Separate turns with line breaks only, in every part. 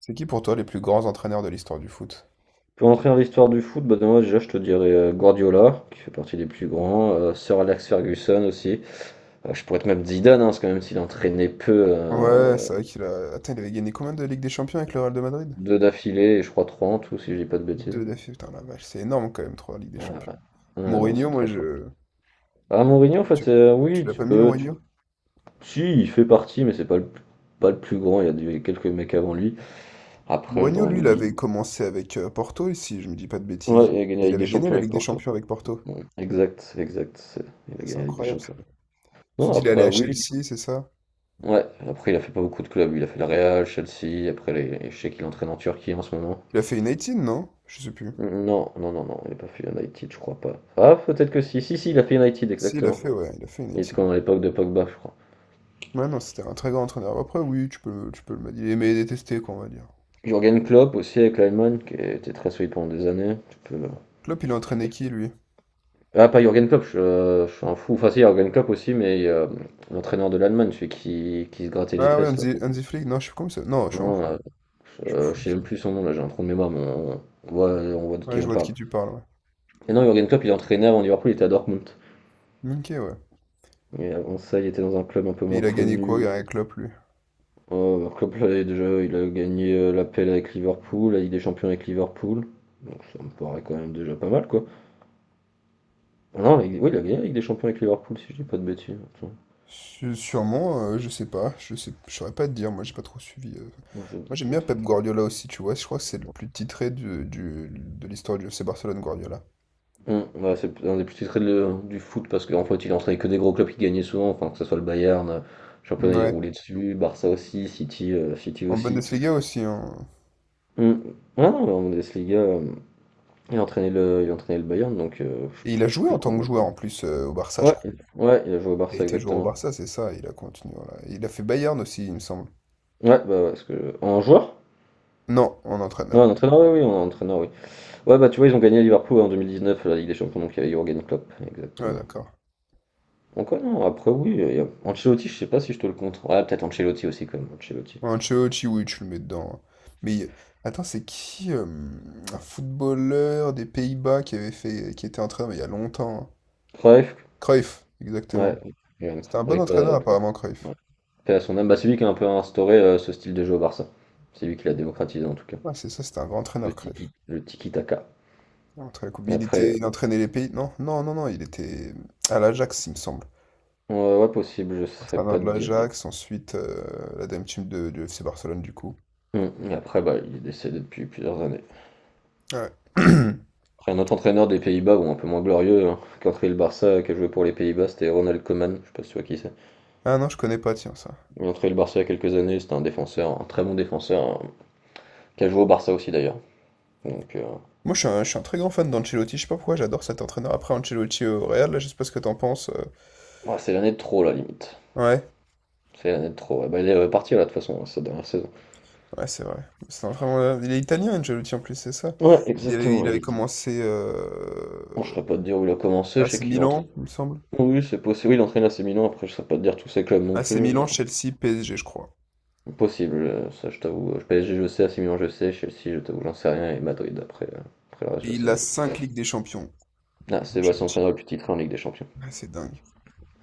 C'est qui pour toi les plus grands entraîneurs de l'histoire du foot?
Pour entrer dans l'histoire du foot, bah, moi déjà je te dirais Guardiola, qui fait partie des plus grands, Sir Alex Ferguson aussi. Je pourrais te mettre Zidane, hein, parce que même s'il entraînait peu,
Ouais, c'est vrai. Attends, il avait gagné combien de Ligue des Champions avec le Real de Madrid?
deux d'affilée, et je crois trois en tout, si je dis pas de bêtises.
Deux défaites, putain la vache, c'est énorme quand même, trois Ligue des
Ah,
Champions.
ouais. Ouais, non, c'est
Mourinho, moi
très fort.
je...
Ah, Mourinho, en fait,
Tu, tu
oui,
l'as
tu
pas mis
peux.
Mourinho?
Si, il fait partie, mais c'est pas le plus grand, il y a quelques mecs avant lui. Après,
Mourinho,
j'en
lui, il
oublie.
avait commencé avec Porto, ici, je me dis pas de
Ouais,
bêtises.
il a gagné la
Il
Ligue des
avait gagné
Champions
la
avec
Ligue des
Porto.
Champions avec Porto.
Ouais, exact, exact. Il a
Ah,
gagné
c'est
la Ligue des
incroyable ça.
Champions.
Tu
Non,
dis, il est allé
après,
à
oui.
Chelsea, c'est ça?
Ouais, après il a fait pas beaucoup de clubs, il a fait le Real, Chelsea, après je sais qu'il entraîne en Turquie en ce moment.
Il a fait une 18, non? Je sais plus.
Non, non, non, non, il n'a pas fait United, je crois pas. Ah, peut-être que si, si, si, il a fait United,
Si, il a
exactement.
fait, ouais, il a fait une
Il était
18.
quand à l'époque de Pogba, je crois.
Ouais, non, c'était un très grand entraîneur. Après, oui, tu peux le dire. Il aimait et détester, quoi, on va dire.
Jürgen Klopp aussi avec l'Allemagne, qui était très solide pendant des années. Tu peux,
Klopp, il a
tu peux-
entraîné qui, lui?
Ah, pas Jürgen Klopp, je suis un fou. Enfin, si, Jürgen Klopp aussi, mais l'entraîneur de l'Allemagne, celui qui se grattait les
Ah ouais, un
fesses, là.
des, un des flics, non, je suis comme ça. Non, je suis un fou.
Non,
Je suis
je
fou
sais
aussi.
même plus son nom, là, j'ai un trou de mémoire, mais on voit de qui
Ouais, je
on
vois de
parle.
qui tu parles,
Et non, Jürgen Klopp, il entraînait avant Liverpool, il était à Dortmund.
ouais. Ok, ouais.
Mais avant ça, il était dans un club un peu
Et
moins
il a gagné quoi,
connu.
Gary Klopp, lui?
Oh, un club, là, déjà, il a gagné l'appel avec Liverpool, la Ligue des Champions avec Liverpool. Donc ça me paraît quand même déjà pas mal, quoi. Ah non, oui, il a gagné la Ligue des Champions avec Liverpool, si je dis pas de bêtises. Attends.
Sûrement, je sais pas, je saurais pas te dire, moi j'ai pas trop suivi.
Moi, je,
Moi
je
j'aime
vais
bien
te-
Pep Guardiola aussi, tu vois, je crois que c'est le plus titré de l'histoire du FC Barcelone, Guardiola.
Ouais, c'est un des plus titrés du foot parce qu'en fait, il entraînait que des gros clubs qui gagnaient souvent, enfin, que ce soit le Bayern, championnat, il
Ouais,
roulait dessus, Barça aussi, City, City
en
aussi.
Bundesliga aussi, hein.
Hum. Ah non, mais en Bundesliga, il entraînait le Bayern, donc je
Et il a
je sais
joué
plus
en
quoi.
tant que joueur en plus au Barça, je
Ouais,
crois.
ouais, il a joué au
Il a
Barça
été joueur au
exactement.
Barça, c'est ça, il a continué, voilà. Il a fait Bayern aussi, il me semble.
Ouais, bah ouais, parce que en joueur?
Non, en
Ouais, en
entraîneur.
entraîneur, oui, oui, en entraîneur, oui. Ouais, bah tu vois, ils ont gagné Liverpool en 2019, la Ligue des Champions, donc il y avait Jürgen Klopp,
Ouais,
exactement.
d'accord.
Donc ouais, non, après oui, Ancelotti, je sais pas si je te le compte. Ouais, peut-être Ancelotti aussi quand même, Ancelotti.
Ancelotti, oui, tu le mets dedans, hein. Mais attends, c'est qui un footballeur des Pays-Bas qui avait fait, qui était entraîneur mais il y a longtemps, hein.
Cruyff,
Cruyff,
ouais,
exactement.
Jürgen Klopp,
C'était un bon
rip,
entraîneur apparemment,
ouais,
Cruyff.
paix à son âme. Bah, c'est lui qui a un peu instauré ce style de jeu au Barça. C'est lui qui l'a démocratisé en tout cas.
Ouais, c'est ça, c'était un grand entraîneur, Cruyff.
Le tiki-taka.
Il a entraîné la Coupe-
Et
il
Après,
était, il entraînait les pays. Non, non, non, non, il était à l'Ajax, il me semble.
euh, ouais, ouais, possible, je sais
Entraîneur
pas te
de
dire.
l'Ajax, ensuite la dame team de, du FC Barcelone du coup.
Et après, bah, il est décédé depuis plusieurs années.
Ouais.
Après, un autre entraîneur des Pays-Bas, bon, un peu moins glorieux, hein, qui a entraîné le Barça, qui a joué pour les Pays-Bas, c'était Ronald Koeman, je sais pas si tu vois qui c'est.
Ah non, je connais pas, tiens, ça.
Il a entraîné le Barça il y a quelques années, c'était un défenseur, un très bon défenseur, hein, qui a joué au Barça aussi d'ailleurs. Donc,
Moi, je suis un très grand fan d'Ancelotti. Je sais pas pourquoi, j'adore cet entraîneur. Après Ancelotti au Real, là, je sais pas ce que t'en penses.
ouais, c'est l'année de trop, la limite.
Ouais,
C'est l'année de trop. Ouais, bah, il est reparti, là, de toute façon, hein, cette dernière saison.
ouais, c'est vrai. C'est un très bon. Il est italien, Ancelotti, en plus, c'est ça.
Ouais, exactement,
Il
il
avait
est.
commencé
Bon, je saurais pas te dire où il a commencé, je sais
AC
qu'il entraîne.
Milan, il me semble.
Oui, c'est possible, oui, il entraîne à ses Milan, après je saurais pas te dire tous ses clubs non
AC
plus.
Milan, Chelsea, PSG, je crois.
Possible, ça je t'avoue. PSG je sais, AC Milan je sais, Chelsea je t'avoue, j'en sais rien, et Madrid après le reste
Et
je
il a
sais.
cinq Ligues des Champions,
Ah, Sébastien
Ancelotti.
Traîneur le plus titré en Ligue des Champions.
Ouais, c'est dingue.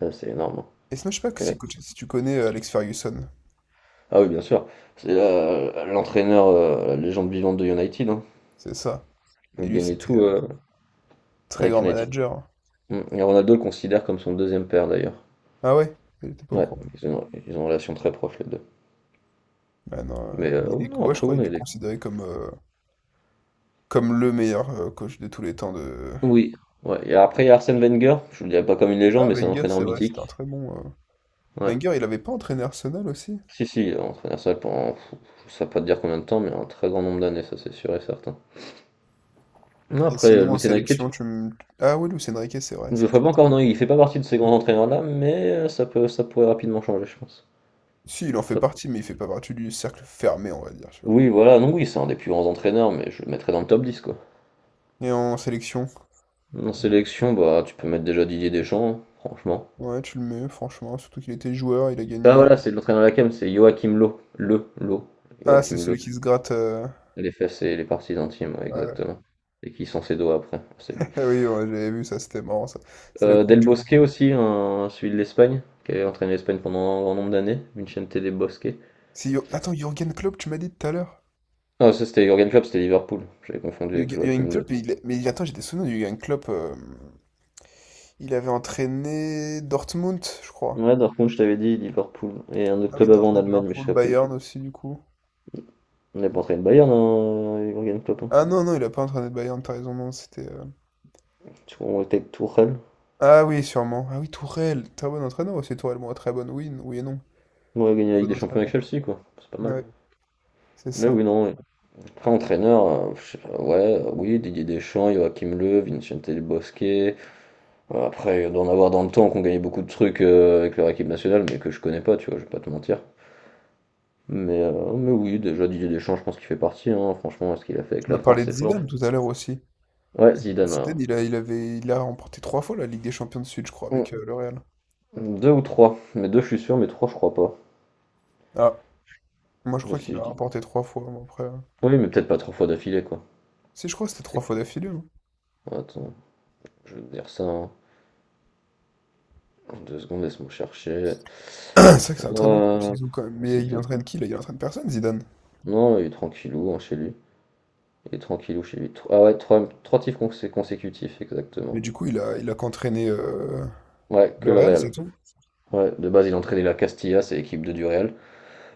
Ah, c'est énorme, hein.
Et sinon, je sais pas que
Ouais.
si, si tu connais Alex Ferguson,
Ah oui, bien sûr. C'est l'entraîneur, la légende vivante de United, hein.
c'est ça. Et
Il
lui,
gagnait
c'était
tout
très
avec
grand
United.
manager.
Mm. Et Ronaldo le considère comme son deuxième père d'ailleurs.
Ah ouais? Il était pas au
Ouais,
courant.
ils ont une relation très proche les deux.
Ah non,
Mais
bah, il
oui,
est,
non,
ouais, je
après,
crois
oui, non,
qu'il est
il est.
considéré comme le meilleur coach de tous les temps de...
Oui. Ouais. Et après, il y a Arsène Wenger. Je le dirais pas comme une légende,
Ah,
mais c'est un
Wenger,
entraîneur
c'est vrai,
mythique.
c'était un très bon.
Ouais.
Wenger, il avait pas entraîné Arsenal aussi?
Si, si, il a entraîné ça pendant, je sais pas te dire combien de temps, mais un très grand nombre d'années, ça c'est sûr et certain. Non,
Et
après,
sinon, en
Luis Enrique,
sélection, tu me... Ah oui, Luis Enrique, c'est vrai,
je
ça.
ferais pas encore, non, il fait pas partie de ces grands entraîneurs-là, mais ça peut, ça pourrait rapidement changer, je pense.
Si, il en fait
Ça-
partie, mais il fait pas partie du cercle fermé, on va dire, tu vois.
Oui, voilà, non, oui, c'est un des plus grands entraîneurs, mais je le mettrais dans le top 10 quoi.
Et en sélection?
En sélection, bah, tu peux mettre déjà Didier Deschamps, hein, franchement.
Ouais, tu le mets, franchement, surtout qu'il était joueur, il a
Ah,
gagné.
voilà, c'est l'entraîneur de la CAM, c'est Joachim Löw. Löw.
Ah, c'est
Joachim Löw.
celui qui se gratte...
Les fesses et les parties intimes, ouais,
ouais.
exactement. Et qui sont ses doigts après, c'est lui.
Oui, ouais, j'avais vu ça, c'était marrant, ça. C'est la Coupe
Del
du Monde.
Bosque
euh.
aussi, celui de l'Espagne, qui avait entraîné l'Espagne pendant un grand nombre d'années, Vicente Del Bosque.
C'est Attends, Jürgen Klopp, tu m'as dit tout à l'heure.
Ah, ça c'était Jürgen Klopp, c'était Liverpool. J'avais confondu avec
Jürgen
Joachim Löw.
Klopp, mais attends, j'étais souvenir de Jürgen Klopp. Il avait entraîné Dortmund, je crois.
Ouais, Dortmund, je t'avais dit Liverpool. Et un autre
Ah oui,
club avant en
Dortmund,
Allemagne, mais je
Liverpool,
sais plus.
Bayern aussi, du coup.
On est pas entraîné le Bayern, hein, Jürgen Klopp, hein.
Ah non, non, il a pas entraîné le Bayern, t'as raison, non, c'était.
Tu vois, on était avec Tourelle.
Ah oui, sûrement. Ah oui, Tourelle, très bon entraîneur aussi, Tourelle, bon, très bonne, oui, oui et non,
On a gagné la Ligue
bon
des Champions avec
entraîneur.
Chelsea, quoi. C'est pas mal.
Ouais, c'est
Mais
ça.
oui, non, ouais. Après, entraîneur, je sais pas, ouais, oui, Didier Deschamps, Joachim Löw, Vincente Del Bosque. Après, d'en avoir dans le temps qu'on gagnait beaucoup de trucs avec leur équipe nationale, mais que je connais pas, tu vois, je vais pas te mentir. Mais oui, déjà Didier Deschamps, je pense qu'il fait partie, hein. Franchement, ce qu'il a fait avec
Je
la
me
France,
parlais de
c'est fort.
Zidane tout à l'heure aussi.
Ouais, Zidane,
Zidane, il a remporté trois fois la Ligue des Champions de Suite, je crois,
ouais.
avec le Real.
Deux ou trois. Mais deux, je suis sûr, mais trois, je crois pas.
Ah, moi je
Je,
crois
si
qu'il
je
a
dis.
remporté trois fois, mais après.
Oui, mais peut-être pas trois fois d'affilée, quoi.
Si, je crois que c'était trois
C'est-
fois d'affilée, non?
Attends, je vais te dire ça, hein. 2 secondes, laisse-moi chercher.
C'est vrai que c'est un très bon coach,
Euh,
Zizou, quand même.
si
Mais il
t'as-
entraîne qui, là? Il entraîne personne, Zidane.
Non, il est tranquillou, hein, chez lui. Il est tranquillou chez lui. Ah ouais, trois titres consécutifs, exactement.
Mais du coup, il a qu'entraîné
Ouais, que
le
le
Real, c'est
Real.
tout?
Ouais, de base, il entraînait la Castilla, c'est l'équipe 2 du Real.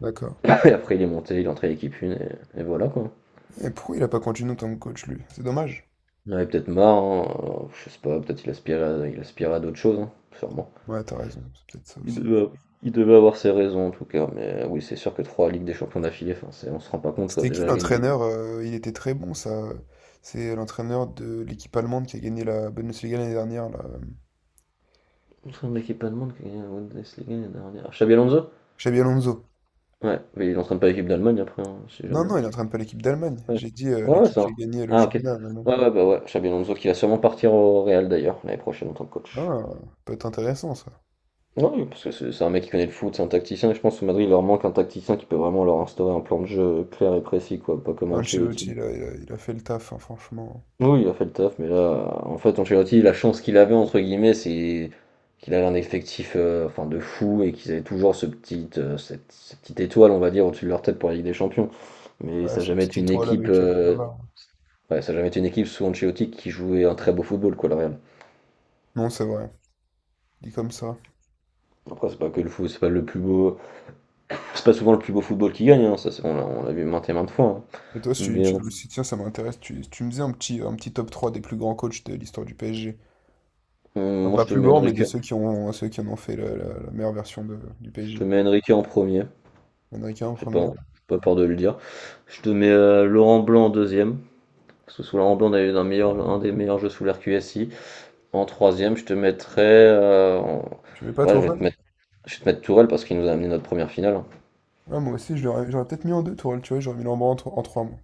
D'accord.
Et après, il est monté, il a entraîné l'équipe 1, et voilà, quoi.
Et pourquoi il a pas continué en tant que coach, lui? C'est dommage.
Il en avait peut-être marre, hein. Alors, je sais pas, peut-être il aspirait à d'autres choses, hein, sûrement.
Ouais, t'as raison, c'est peut-être ça
Il
aussi.
devait, il devait avoir ses raisons en tout cas, mais oui, c'est sûr que trois Ligues des Champions d'affilée, enfin, on se rend pas compte, quoi,
C'était
déjà
qui
la gagner.
l'entraîneur? Il était très bon, ça. C'est l'entraîneur de l'équipe allemande qui a gagné la Bundesliga l'année dernière, là.
Contre un mec qui est pas de monde qui a gagné la Bundesliga l'année dernière. Xabi Alonso?
Xabi Alonso.
Ouais, mais il entraîne pas l'équipe d'Allemagne après, hein, si
Non,
jamais.
non, il n'entraîne pas l'équipe d'Allemagne.
Ouais,
J'ai dit
ouais, ouais,
l'équipe
ça.
qui a gagné le
Ah, ok.
championnat en Allemagne.
Ouais, ouais, bah ouais, Xabi Alonso qui va sûrement partir au Real d'ailleurs, l'année prochaine en tant que coach.
Ah, peut être intéressant, ça.
Ouais, oui, parce que c'est un mec qui connaît le foot, c'est un tacticien, et je pense au Madrid, il leur manque un tacticien qui peut vraiment leur instaurer un plan de jeu clair et précis, quoi, pas comme
Ancelotti,
Ancelotti.
là, il a fait le taf, hein, franchement.
Oui, il a fait le taf, mais là, en fait, Ancelotti, la chance qu'il avait, entre guillemets, c'est qu'il avait un effectif enfin, de fou et qu'ils avaient toujours ce petit, cette petite étoile, on va dire, au-dessus de leur tête pour la Ligue des Champions. Mais
Ouais,
ça n'a
cette
jamais
petite
été une
étoile
équipe,
avec Bavard.
ouais, ça a jamais été une équipe sous Ancelotti qui jouait un très beau football, quoi, le Real.
Non, c'est vrai. Dit comme ça.
Après, c'est pas que le foot, c'est pas le plus beau, c'est pas souvent le plus beau football qui gagne, hein, ça, on l'a vu maintes et maintes fois, hein.
Et toi, si tu,
Mais
tu- si- tiens, ça m'intéresse, tu me faisais un petit top 3 des plus grands coachs de l'histoire du PSG. Enfin,
moi, je
pas
te
plus
mets
grand, mais
Enrique,
de ceux qui en ont fait la meilleure version du
je te
PSG.
mets Enrique en premier,
Enrique en a qu'un en
j'ai pas,
première.
j'ai pas peur de le dire. Je te mets Laurent Blanc en deuxième. Parce que sous la Ramblon, on avait un
Ah.
des meilleurs jeux sous l'air QSI. En troisième, je te mettrais.
Tu mets pas
Ouais, je vais te
Tourelle?
mettre, je vais te mettre Tourelle parce qu'il nous a amené notre première finale.
Ouais, moi aussi, je l'aurais- j'aurais peut-être mis en deux Tourelle, tu vois, j'aurais mis Lambrand en, tro- en trois, moi.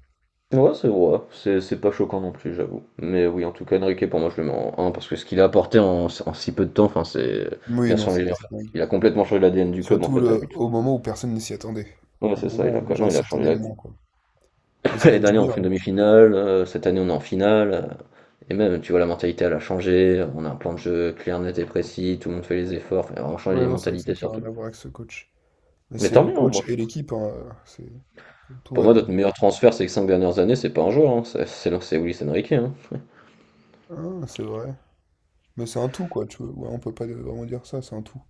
Ouais, c'est vrai, c'est pas choquant non plus, j'avoue. Mais oui, en tout cas, Enrique, pour moi, je le mets en un parce que ce qu'il a apporté en si peu de temps, enfin, c'est. Il
Oui,
a
non, c'est
changé, en fait.
c'est dingue.
Il a complètement changé l'ADN du club, en
Surtout
fait, à lui.
le, au moment où personne ne s'y attendait.
Ouais,
Au
c'est ça, il
moment
a
où les
quoi? Non,
gens
il
s'y
a changé
attendaient le
la.
moins, quoi. Mais ça
L'année
fait du
dernière, on
bien,
fait une
hein.
demi-finale, cette année, on est en finale. Et même, tu vois, la mentalité, elle a changé. On a un plan de jeu clair, net et précis. Tout le monde fait les efforts. Enfin, on change
Ouais,
les
non, c'est vrai que ça
mentalités
n'a plus rien
surtout.
à voir avec ce coach. Mais
Mais
c'est
tant
le
mieux, hein, moi.
coach et l'équipe, hein, c'est, tout
Pour
va
moi,
bien.
notre meilleur transfert ces 5 dernières années, c'est pas un joueur, hein. C'est Luis Enrique, hein.
Ah, c'est vrai. Mais c'est un tout, quoi, tu vois. Ouais, on peut pas vraiment dire ça, c'est un tout.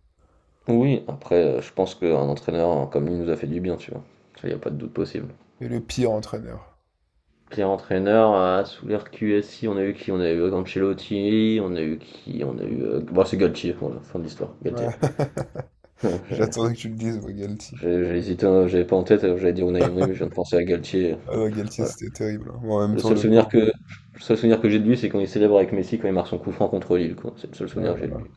Oui, après, je pense qu'un entraîneur hein, comme lui nous a fait du bien, tu vois. Ça, y a pas de doute possible.
Et le pire entraîneur.
Pire entraîneur, sous l'ère QSI, on a eu qui? On a eu Ancelotti, on a eu qui? On a eu. Bon, c'est Galtier, voilà, fin de l'histoire. Galtier.
Ouais.
J'ai
J'attendais que tu le dises, moi, Galtier.
j'ai hésité, hein, j'avais pas en tête, j'allais dire Unai Emery, mais je viens de penser à Galtier.
Ah non, Galtier,
Voilà,
c'était terrible, hein. Mais en même
Le
temps,
seul
le
souvenir
pauvre.
que, le seul souvenir que j'ai de lui, c'est quand il célèbre avec Messi quand il marque son coup franc contre Lille, quoi. C'est le seul
Ouais,
souvenir que j'ai de
voilà.
lui.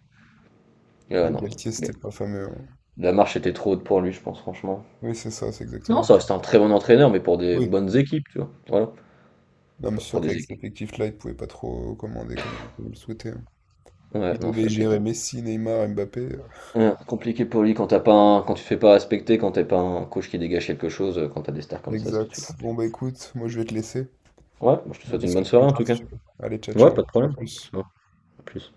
Et ouais,
Ouais,
non.
Galtier, c'était pas fameux, hein.
La marche était trop haute pour lui, je pense, franchement.
Oui, c'est ça, c'est
Non,
exactement
ça
ça.
reste un très bon entraîneur, mais pour des
Oui.
bonnes équipes, tu vois. Voilà.
Non, mais c'est
Genre pour
sûr
des
qu'avec cet
équipes.
effectif-là, il pouvait pas trop commander comme il le souhaitait, hein.
Ouais,
Il
non,
devait
ça, c'est
gérer Messi, Neymar, Mbappé.
compliqué pour lui quand t'as pas quand tu te fais pas respecter, quand t'es pas un coach qui dégage quelque chose, quand t'as des stars comme ça, c'est tout de suite
Exact.
compliqué.
Bon, bah écoute, moi je vais te laisser.
Ouais, moi, je te
On en
souhaite une bonne
discute
soirée
plus
en tout
tard si
cas.
tu veux. Allez, ciao,
Ouais,
ciao.
pas de
À
problème.
plus.
Ciao. À plus.